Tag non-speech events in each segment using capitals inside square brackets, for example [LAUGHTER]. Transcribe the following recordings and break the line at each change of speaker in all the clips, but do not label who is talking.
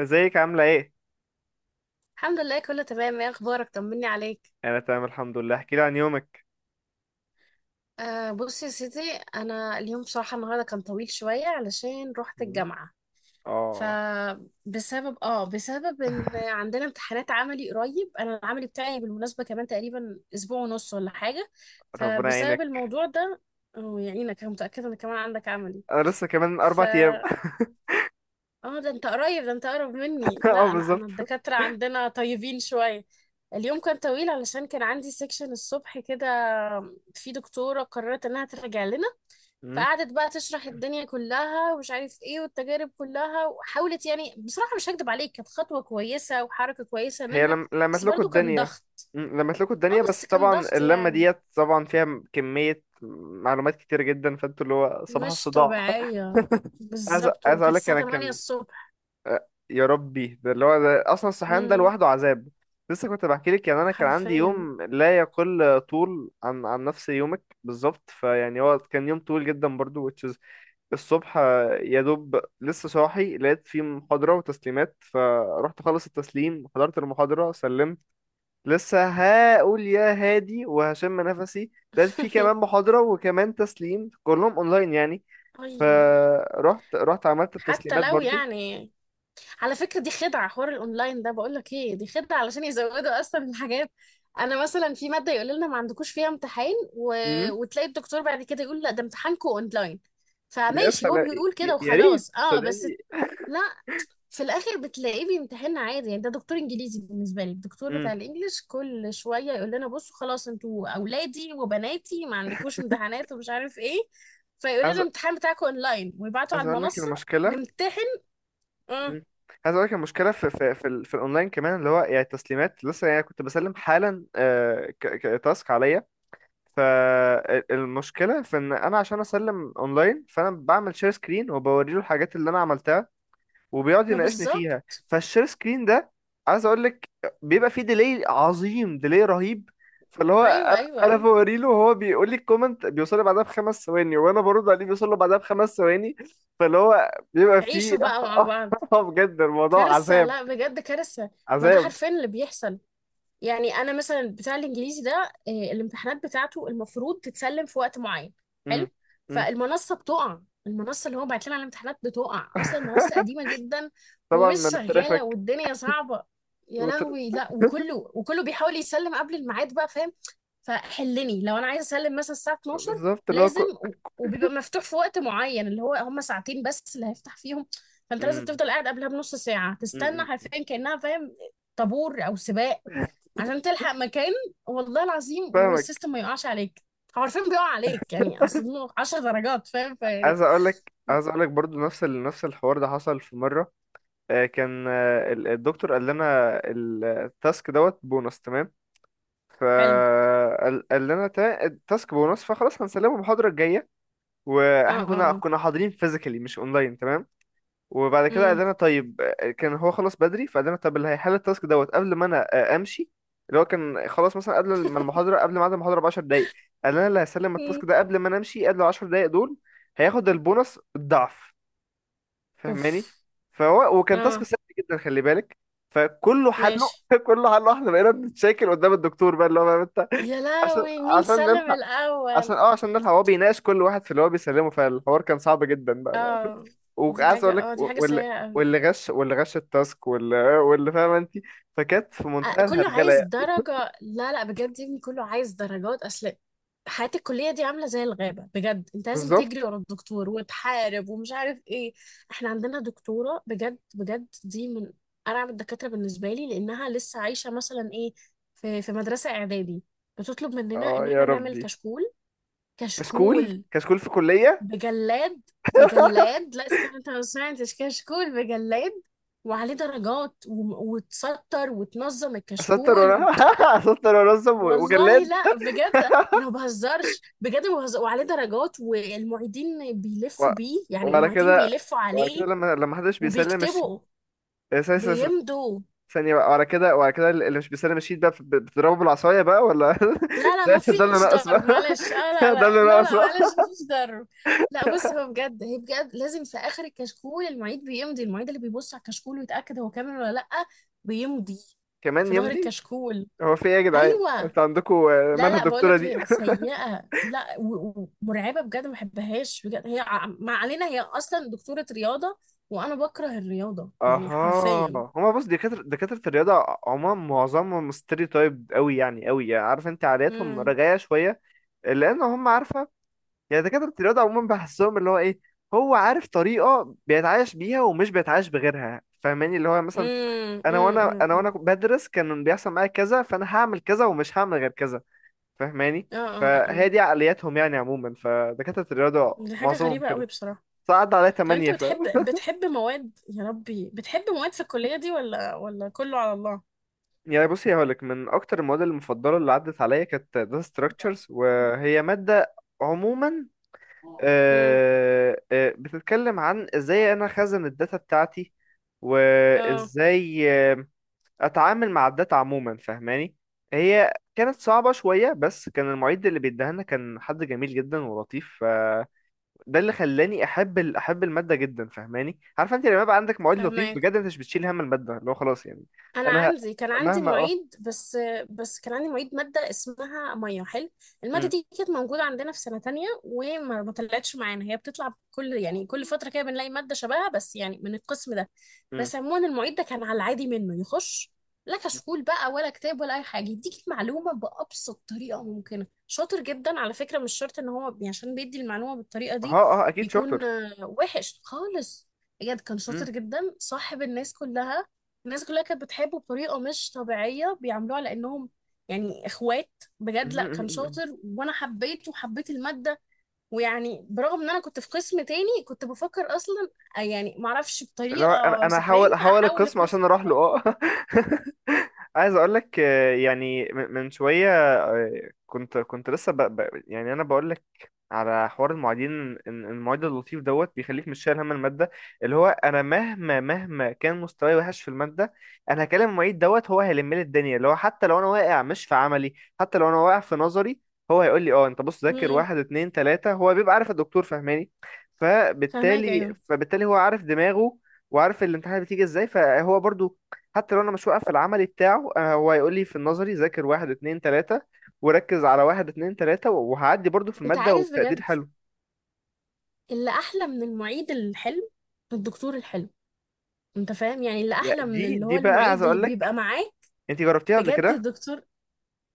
ازيك عاملة ايه؟
الحمد لله، كله تمام. ايه اخبارك؟ طمني عليك.
انا تمام الحمد لله. احكي لي عن يومك.
آه، بصي يا سيدي. انا اليوم بصراحه النهارده كان طويل شويه علشان رحت
مم.
الجامعه.
اه.
فبسبب اه بسبب ان
[LAUGHS]
عندنا امتحانات عملي قريب، انا العملي بتاعي بالمناسبه كمان تقريبا اسبوع ونص ولا حاجه.
ربنا
فبسبب
يعينك.
الموضوع ده. ويعينك، انا متاكده ان كمان عندك عملي.
انا لسه كمان 4 ايام.
اه، ده انت قريب، ده انت قرب مني.
[LAUGHS]
لا،
اه،
انا
بالظبط.
انا الدكاترة عندنا طيبين شوية. اليوم كان طويل علشان كان عندي سيكشن الصبح كده. في دكتورة قررت انها ترجع لنا،
مم.
فقعدت بقى تشرح الدنيا كلها ومش عارف ايه والتجارب كلها، وحاولت يعني بصراحة مش هكدب عليك كانت خطوة كويسة وحركة كويسة
هي
منها.
لم... لمت
بس
لكم
برضو كان
الدنيا.
ضغط.
لمت لكم
اه
الدنيا
بس
بس
كان
طبعا
ضغط
اللمة
يعني،
ديت طبعا فيها كمية معلومات كتير جدا فانتوا اللي هو صباح
مش
الصداع. [LAUGHS]
طبيعية.
عايز
بالظبط،
عايز اقول
وكانت
لك
الساعة
انا
8
كان.
الصبح.
يا ربي، ده اللي هو ده اصلا الصحيان ده
امم.
لوحده عذاب. لسه كنت بحكي لك، يعني انا كان عندي
حرفيا.
يوم لا يقل طول عن نفس يومك بالظبط، فيعني هو كان يوم طويل جدا برضو which is الصبح. يا دوب لسه صاحي لقيت في محاضرة وتسليمات، فرحت خلص التسليم، حضرت المحاضرة، سلمت، لسه هقول يا هادي وهشم نفسي، لقيت في كمان
[LAUGHS]
محاضرة وكمان تسليم كلهم اونلاين يعني،
اي.
فرحت رحت عملت
حتى
التسليمات
لو
برضو.
يعني، على فكرة دي خدعة. حوار الأونلاين ده، بقول لك إيه، دي خدعة علشان يزودوا أصلا الحاجات. أنا مثلا في مادة يقول لنا ما عندكوش فيها امتحان وتلاقي الدكتور بعد كده يقول لا ده امتحانكو أونلاين.
يا
فماشي، هو
سلام.
بيقول
يا
كده
يا ريت،
وخلاص أه بس.
صدقني.
لا، في الآخر بتلاقيه بيمتحننا عادي يعني. ده دكتور إنجليزي بالنسبة لي، الدكتور بتاع
امم.
الإنجليش، كل شوية يقول لنا بصوا خلاص أنتوا أولادي وبناتي ما عندكوش امتحانات ومش عارف إيه. فيقول لنا
عايز
الامتحان بتاعكم أونلاين ويبعتوا
عايز
على
اقول لك
المنصة
المشكله.
نمتحن. امم.
امم. عايز اقول لك المشكله في الاونلاين كمان، اللي هو يعني التسليمات لسه، يعني كنت بسلم حالا تاسك عليا. فالمشكله في ان انا عشان اسلم اونلاين فانا بعمل شير سكرين وبوري له الحاجات اللي انا عملتها وبيقعد
ما
يناقشني
بالظبط.
فيها. فالشير سكرين ده، عايز اقول لك، بيبقى فيه ديلي عظيم، ديلي رهيب. فاللي هو
ايوه،
انا،
ايوه،
أنا
ايوه.
بوري له وهو بيقول لي الكومنت بيوصل لي بعدها بخمس ثواني، وانا برد عليه بيوصل له بعدها بخمس ثواني. فاللي هو بيبقى فيه.
عيشوا بقى مع بعض.
[LAUGHS] بجد الموضوع
كارثه،
عذاب.
لا بجد كارثه. ما ده
عذاب.
حرفيا اللي بيحصل. يعني انا مثلا بتاع الانجليزي ده، الامتحانات بتاعته المفروض تتسلم في وقت معين.
مم.
حلو.
مم.
فالمنصه بتقع. المنصه اللي هو بعت لنا على الامتحانات بتقع، اصلا المنصه
[LAUGHS]
قديمه جدا
طبعا
ومش
من
شغاله
الترافيك.
والدنيا صعبه. يا
وتر...
لهوي. لا،
[LAUGHS]
وكله وكله بيحاول يسلم قبل الميعاد بقى، فاهم؟ فحلني لو انا عايزه اسلم مثلا الساعه 12،
بالظبط اللي هو
لازم وبيبقى مفتوح في وقت معين اللي هو هم ساعتين بس اللي هيفتح فيهم. فانت لازم
مم.
تفضل قاعد قبلها بنص ساعه تستنى،
مم. مم.
حرفيا كانها فاهم، طابور او سباق عشان تلحق مكان. والله العظيم،
فاهمك.
والسيستم ما يقعش عليك هو، عارفين بيقع عليك يعني، اصل إنه 10 درجات، فاهم؟ فيعني.
عايز اقول لك برضو نفس ال... نفس الحوار ده حصل في مره. الدكتور قال لنا التاسك دوت بونص، تمام؟
حلو.
فقال لنا التاسك بونص، فخلاص هنسلمه المحاضرة الجاية.
اه،
واحنا
اه،
كنا
اه.
كنا حاضرين فيزيكالي مش اونلاين، تمام؟ وبعد كده قال
امم.
لنا طيب، كان هو خلاص بدري، فقال لنا طب اللي هيحل التاسك دوت قبل ما انا امشي. اللي هو كان خلاص مثلا قبل ما المحاضرة قبل ميعاد المحاضرة ب 10 دقايق، قال لنا اللي هيسلم
أمم.
التاسك ده قبل ما انا امشي، قبل 10 دقايق دول، هياخد البونص الضعف، فاهماني؟
اوف.
فهو وكان تاسك
اه.
سهل جدا، خلي بالك، فكله حله.
ماشي.
[LAUGHS] كله حله، احنا بقينا بنتشاكل قدام الدكتور بقى اللي هو فاهم انت.
يا
عشان
لهوي، مين
عشان
سلم
نلحق،
الاول؟
عشان نلحق هو بيناقش كل واحد في اللي هو بيسلمه، فالحوار كان صعب جدا بقى.
اه
[LAUGHS] وعايز اقول لك،
دي حاجه
واللي،
سيئه قوي.
واللي غش التاسك واللي فاهمه انت، فكانت في
آه،
منتهى
كله
الهرجله
عايز
يعني.
درجة. لا لا بجد، يا ابني كله عايز درجات. أصل حياة الكلية دي عاملة زي الغابة، بجد. أنت لازم
بالظبط.
تجري ورا الدكتور وتحارب ومش عارف إيه. إحنا عندنا دكتورة، بجد بجد، دي من أرعب الدكاترة بالنسبة لي، لأنها لسه عايشة مثلا إيه، في مدرسة إعدادي. بتطلب مننا
اه
إن
يا
إحنا نعمل
ربي.
كشكول،
كشكول؟
كشكول
كشكول في كليه؟
بجلاد. بجلاد، لا استنى، أنت ما سمعتش كشكول بجلاد، وعليه درجات، وتسطر وتنظم
اسطر وانا
الكشكول.
[LAUGHS] اسطر وانظم
والله
وجلاد.
لا، بجد انا ما بهزرش، بجد ما بهزر، وعليه درجات والمعيدين
و-
بيلفوا بيه، يعني
وعلى
المعيدين
كده،
بيلفوا
وعلى كده
عليه
لما حدش بيسلم الشيت،
وبيكتبوا،
آه، س- س- س-
بيمضوا.
ثانية بقى. وعلى كده اللي مش بيسلم الشيت بقى بتضربه بالعصاية بقى، ولا
لا
[LAUGHS]
لا ما
ده اللي
فيش
ناقص
ضرب،
بقى.
معلش. اه،
[LAUGHS]
لا
ده
لا
اللي
لا
ناقص
لا
بقى.
معلش، ما فيش ضرب. لا بص، هو بجد هي بجد لازم في اخر الكشكول المعيد بيمضي، المعيد اللي بيبص على الكشكول ويتاكد هو كامل ولا لا، بيمضي
[LAUGHS] كمان
في ظهر
يمضي؟
الكشكول.
هو في ايه يا جدعان
ايوه.
انتوا عندكم؟
لا
مالها
لا، بقول
الدكتورة
لك
دي؟
هي سيئة، لا ومرعبة بجد، ما بحبهاش بجد. هي ما علينا، هي أصلا دكتورة رياضة، وأنا بكره الرياضة يعني
اها.
حرفيا.
هما بص، دكاترة الرياضة عموما معظمهم ستيريوتايب قوي يعني، قوي يعني، عارف انت عاداتهم
امم.
رجعية شوية، لان هم، عارفة يعني، دكاترة الرياضة عموما بحسهم اللي هو ايه، هو عارف طريقة بيتعايش بيها ومش بيتعايش بغيرها، فاهماني؟ اللي هو مثلا
امم.
انا وانا
امم.
انا وانا
امم.
بدرس كان بيحصل معايا كذا، فانا هعمل كذا ومش هعمل غير كذا، فاهماني؟
اه. اه.
فهي
اه.
دي عقلياتهم يعني عموما، فدكاترة الرياضة
دي حاجة
معظمهم
غريبة قوي
كده،
بصراحة.
فعدى عليا
طب أنت
8 ف
بتحب
[LAUGHS]
بتحب مواد، يا ربي، بتحب مواد في الكلية دي، ولا كله على الله؟
يعني بصي، هقولك من أكتر المواد المفضلة اللي عدت عليا كانت data structures، وهي مادة عموما
امم.
بتتكلم عن ازاي انا خزن الداتا بتاعتي،
اه.
وازاي اتعامل مع الداتا عموما، فاهماني؟ هي كانت صعبة شوية، بس كان المعيد اللي بيديها لنا كان حد جميل جدا ولطيف، فده اللي خلاني احب احب المادة جدا، فاهماني؟ عارفه انت لما يبقى عندك معيد لطيف،
فهمك.
بجد انت مش بتشيل هم المادة، اللي هو خلاص يعني.
انا
انا ه-
عندي كان عندي
مهما اه
معيد بس كان عندي معيد ماده اسمها ميه، حلو. الماده
م-
دي كانت موجوده عندنا في سنه تانية، وما ما طلعتش معانا. هي بتطلع كل يعني كل فتره كده بنلاقي ماده شبهها، بس يعني من القسم ده.
م-
بس عموما المعيد ده كان على العادي، منه يخش لا كشكول بقى ولا كتاب ولا اي حاجه، يديك المعلومه بابسط طريقه ممكنه. شاطر جدا على فكره. مش شرط ان هو عشان بيدي المعلومه بالطريقه دي
اه، اه، اكيد
يكون
شاطر.
وحش خالص. بجد كان
م-
شاطر جدا، صاحب الناس كلها. الناس كلها كانت بتحبه بطريقة مش طبيعية، بيعاملوه على إنهم يعني إخوات. بجد لأ، كان
[LAUGHS]
شاطر، وأنا حبيته وحبيت المادة. ويعني برغم إن أنا كنت في قسم تاني، كنت بفكر أصلا يعني معرفش
اللي هو انا
بطريقة
انا هحاول
سحرية
هحاول
أحول
القسم
القسم.
عشان اروح له اه [LAUGHS] عايز اقول لك، يعني من شويه، كنت لسه يعني انا بقول لك على حوار المعيدين إن المعيد اللطيف دوت بيخليك مش شايل هم الماده، اللي هو انا مهما مهما كان مستواي وحش في الماده، انا هكلم المعيد دوت، هو هيلم لي الدنيا، اللي هو حتى لو انا واقع مش في عملي، حتى لو انا واقع في نظري، هو هيقول لي اه انت بص، ذاكر
امم.
واحد اتنين تلاته، هو بيبقى عارف الدكتور، فاهماني؟
فهماك.
فبالتالي
أيوه.
فبالتالي هو عارف دماغه وعارف الامتحانات بتيجي ازاي، فهو برضو حتى لو انا مش واقف في العملي بتاعه، هو هيقول لي في النظري ذاكر واحد اتنين تلاتة، وركز على واحد اتنين تلاتة، وهعدي برضو في
أنت
المادة
عارف
وبتقدير
بجد،
حلو.
اللي أحلى من المعيد الحلو الدكتور الحلو. أنت فاهم يعني، اللي
يا
أحلى من
دي
اللي هو
دي بقى، عايز
المعيد اللي
اقول
بيبقى
لك،
معاه،
انت جربتيها قبل
بجد
كده؟
الدكتور.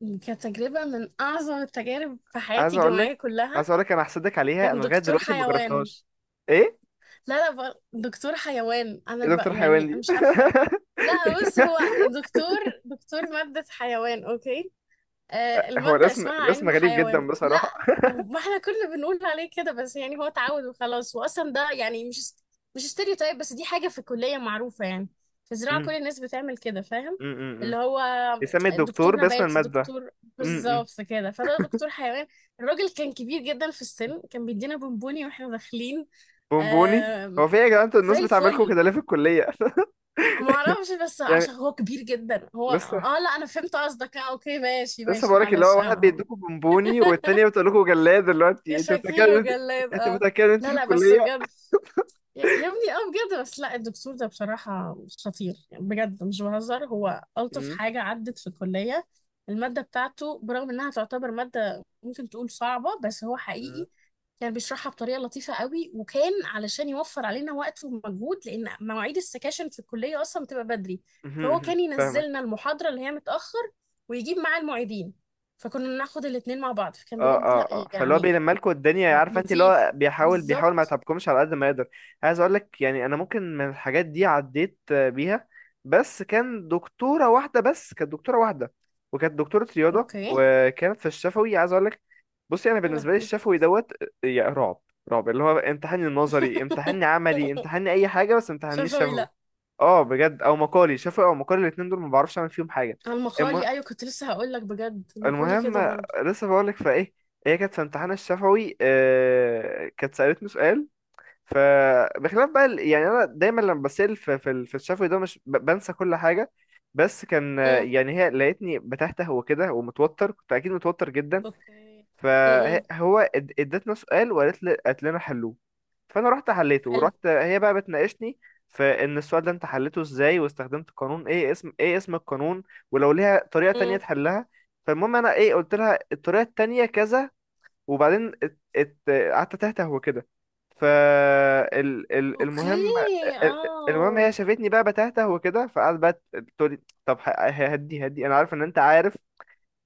كانت تجربة من أعظم التجارب في حياتي
عايز اقول
الجامعية
لك
كلها.
عايز اقول لك انا هحسدك عليها،
كان
انا لغاية
دكتور
دلوقتي ما
حيوان.
جربتهاش. ايه؟
لا لا، دكتور حيوان انا
ايه دكتور
بقى
حيوان
يعني
دي؟
مش عارفه. لا بص، هو دكتور دكتور ماده حيوان. اوكي.
[LAUGHS] هو
الماده
الاسم
اسمها
الاسم
علم
غريب جدا
حيوان، لا
بصراحة.
ما احنا كنا بنقول عليه كده بس، يعني هو اتعود وخلاص، واصلا ده يعني مش ستيريوتايب، بس دي حاجه في الكليه معروفه يعني. في
[LAUGHS]
زراعه كل
امم،
الناس بتعمل كده، فاهم؟
امم،
اللي
امم.
هو
بيسمي
دكتور
الدكتور باسم
نبات،
المادة.
دكتور،
امم. امم.
بالظبط كده. فده دكتور حيوان. الراجل كان كبير جدا في السن، كان بيدينا بونبوني واحنا داخلين.
بونبوني؟ هو
آم،
في ايه يا جدعان انتوا
زي
الناس بتعملكم
الفل.
كده ليه في الكلية؟ [LAUGHS]
ما اعرفش، بس
يعني
عشان هو كبير جدا هو،
لسه
لا انا فهمت قصدك. اه، اوكي، ماشي
لسه
ماشي،
بقولك، اللي هو
معلش. اه.
واحد
آه.
بيدوكوا بونبوني والتانية بتقول لكم جلاد،
يا
دلوقتي انت متأكد
شكيل
ان انت،
وجلاد،
انت
اه.
متأكد ان انت
لا
في
لا بس
الكلية؟
بجد، يا ابني، اه بجد بس، لا الدكتور ده بصراحة خطير، يعني بجد مش بهزر، هو ألطف
مم.
حاجة عدت في الكلية. المادة بتاعته، برغم إنها تعتبر مادة ممكن تقول صعبة، بس هو
مم.
حقيقي كان بيشرحها بطريقة لطيفة قوي. وكان علشان يوفر علينا وقت ومجهود، لأن مواعيد السكاشن في الكلية أصلا بتبقى بدري،
[LAUGHS]
فهو
مهم.
كان
فاهمك.
ينزلنا المحاضرة اللي هي متأخر، ويجيب معاه المعيدين، فكنا ناخد الاتنين مع بعض. فكان
اه،
بجد، لا
اه، اه. فاللي هو
يعني،
بيلم لكم الدنيا، عارفه انت اللي هو
لطيف.
بيحاول ما
بالظبط.
يتعبكمش على قد ما يقدر. عايز اقول لك، يعني انا ممكن من الحاجات دي عديت بيها، بس كانت دكتوره واحده، وكانت دكتوره رياضه،
اوكي.
وكانت في الشفوي. عايز اقول لك، بصي، انا
يا
بالنسبه لي
لهوي.
الشفوي دوت، يا رعب. رعب. اللي هو امتحاني نظري، امتحاني
[LAUGHS]
عملي، امتحاني اي حاجه، بس امتحاني
شفوي،
الشفوي.
لا.
اه بجد، او مقالي. شفوي او مقالي، الاتنين دول ما بعرفش اعمل فيهم حاجه.
على المخالي، ايوه، كنت لسه هقول لك، بجد المخالي كده
المهم،
برضو.
لسه بقولك، فايه، هي كانت في امتحان الشفوي، كانت سألتني سؤال، فبخلاف بقى يعني انا دايما لما بسأل في الشفوي ده مش بنسى كل حاجة، بس كان،
امم.
يعني هي لقيتني بتهته وكده ومتوتر، كنت اكيد متوتر جدا.
اوكي. امم.
فهو ادتنا سؤال، وقالت لي قالت لنا حلوه. فانا رحت حليته،
حلو.
ورحت هي بقى بتناقشني في ان السؤال ده انت حليته ازاي، واستخدمت قانون ايه، اسم ايه، اسم القانون، ولو ليها طريقة تانية
امم.
تحلها. فالمهم انا ايه، قلت لها الطريقة التانية كذا، وبعدين قعدت تهته وكده. المهم،
اوكي.
ال- المهم
اه.
هي شافتني بقى بتهته وكده، فقعدت بقى تقول لي طب، هدي هدي، انا عارف ان انت عارف،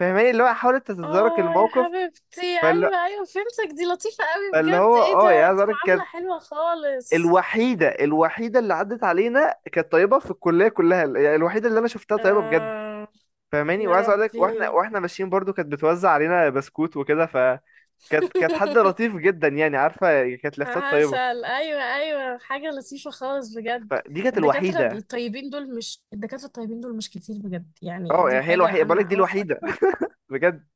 فاهماني؟ اللي هو حاولت تتدارك
اه يا
الموقف.
حبيبتي،
فاللي،
ايوه ايوه فهمتك، دي لطيفة قوي
فاللي
بجد.
هو
ايه ده،
يا
دي
زارك،
معاملة حلوة خالص.
الوحيدة اللي عدت علينا كانت طيبة في الكلية كلها، يعني الوحيدة اللي أنا شفتها طيبة بجد،
آه
فاهماني؟
يا
وعايز أقول لك، وإحنا
ربي.
وإحنا ماشيين برضو كانت بتوزع علينا بسكوت وكده، فكانت، كانت حد
[LAUGHS]
لطيف جدا يعني، عارفة يعني كانت لفتات طيبة.
عسل، ايوه ايوه، حاجه لطيفه خالص بجد.
فدي كانت
الدكاتره
الوحيدة.
الطيبين دول مش، الدكاتره الطيبين دول مش كتير بجد، يعني
أه،
دي
يعني هي
حاجه
الوحيدة، بقول لك
انا
دي
اوافقك
الوحيدة
فيها.
بجد.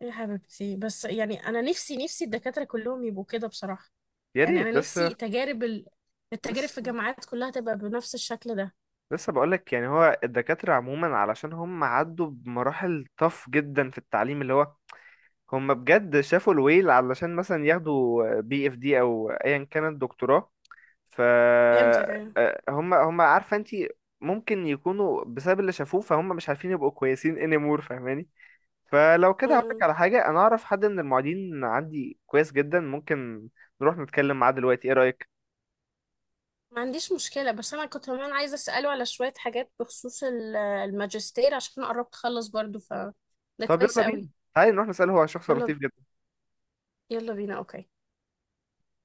يا حبيبتي، بس يعني انا نفسي نفسي الدكاتره كلهم يبقوا كده بصراحه.
يا
يعني
ريت
انا
بس.
نفسي تجارب التجارب في
لسه
الجامعات كلها تبقى بنفس الشكل ده.
لسه بقول لك، يعني هو الدكاترة عموما علشان هم عدوا بمراحل طف جدا في التعليم، اللي هو هم بجد شافوا الويل علشان مثلا ياخدوا بي اف دي او ايا كانت دكتوراه، ف
فهمتك، ايوه.
هم عارفه انت، ممكن يكونوا بسبب اللي شافوه فهم مش عارفين يبقوا كويسين anymore، فاهماني؟ فلو كده
م-
هقولك
م.
على حاجه، انا اعرف حد من المعيدين عندي كويس جدا، ممكن نروح نتكلم معاه دلوقتي، ايه رايك؟
ما عنديش مشكله، بس انا كنت كمان عايزه اساله على شويه حاجات بخصوص الماجستير، عشان قربت اخلص برضو ف، ده
طب
كويس
يلا بينا،
قوي.
تعالي نروح نساله هو عن شخص
يلا،
لطيف جدا.
يلا بينا، اوكي.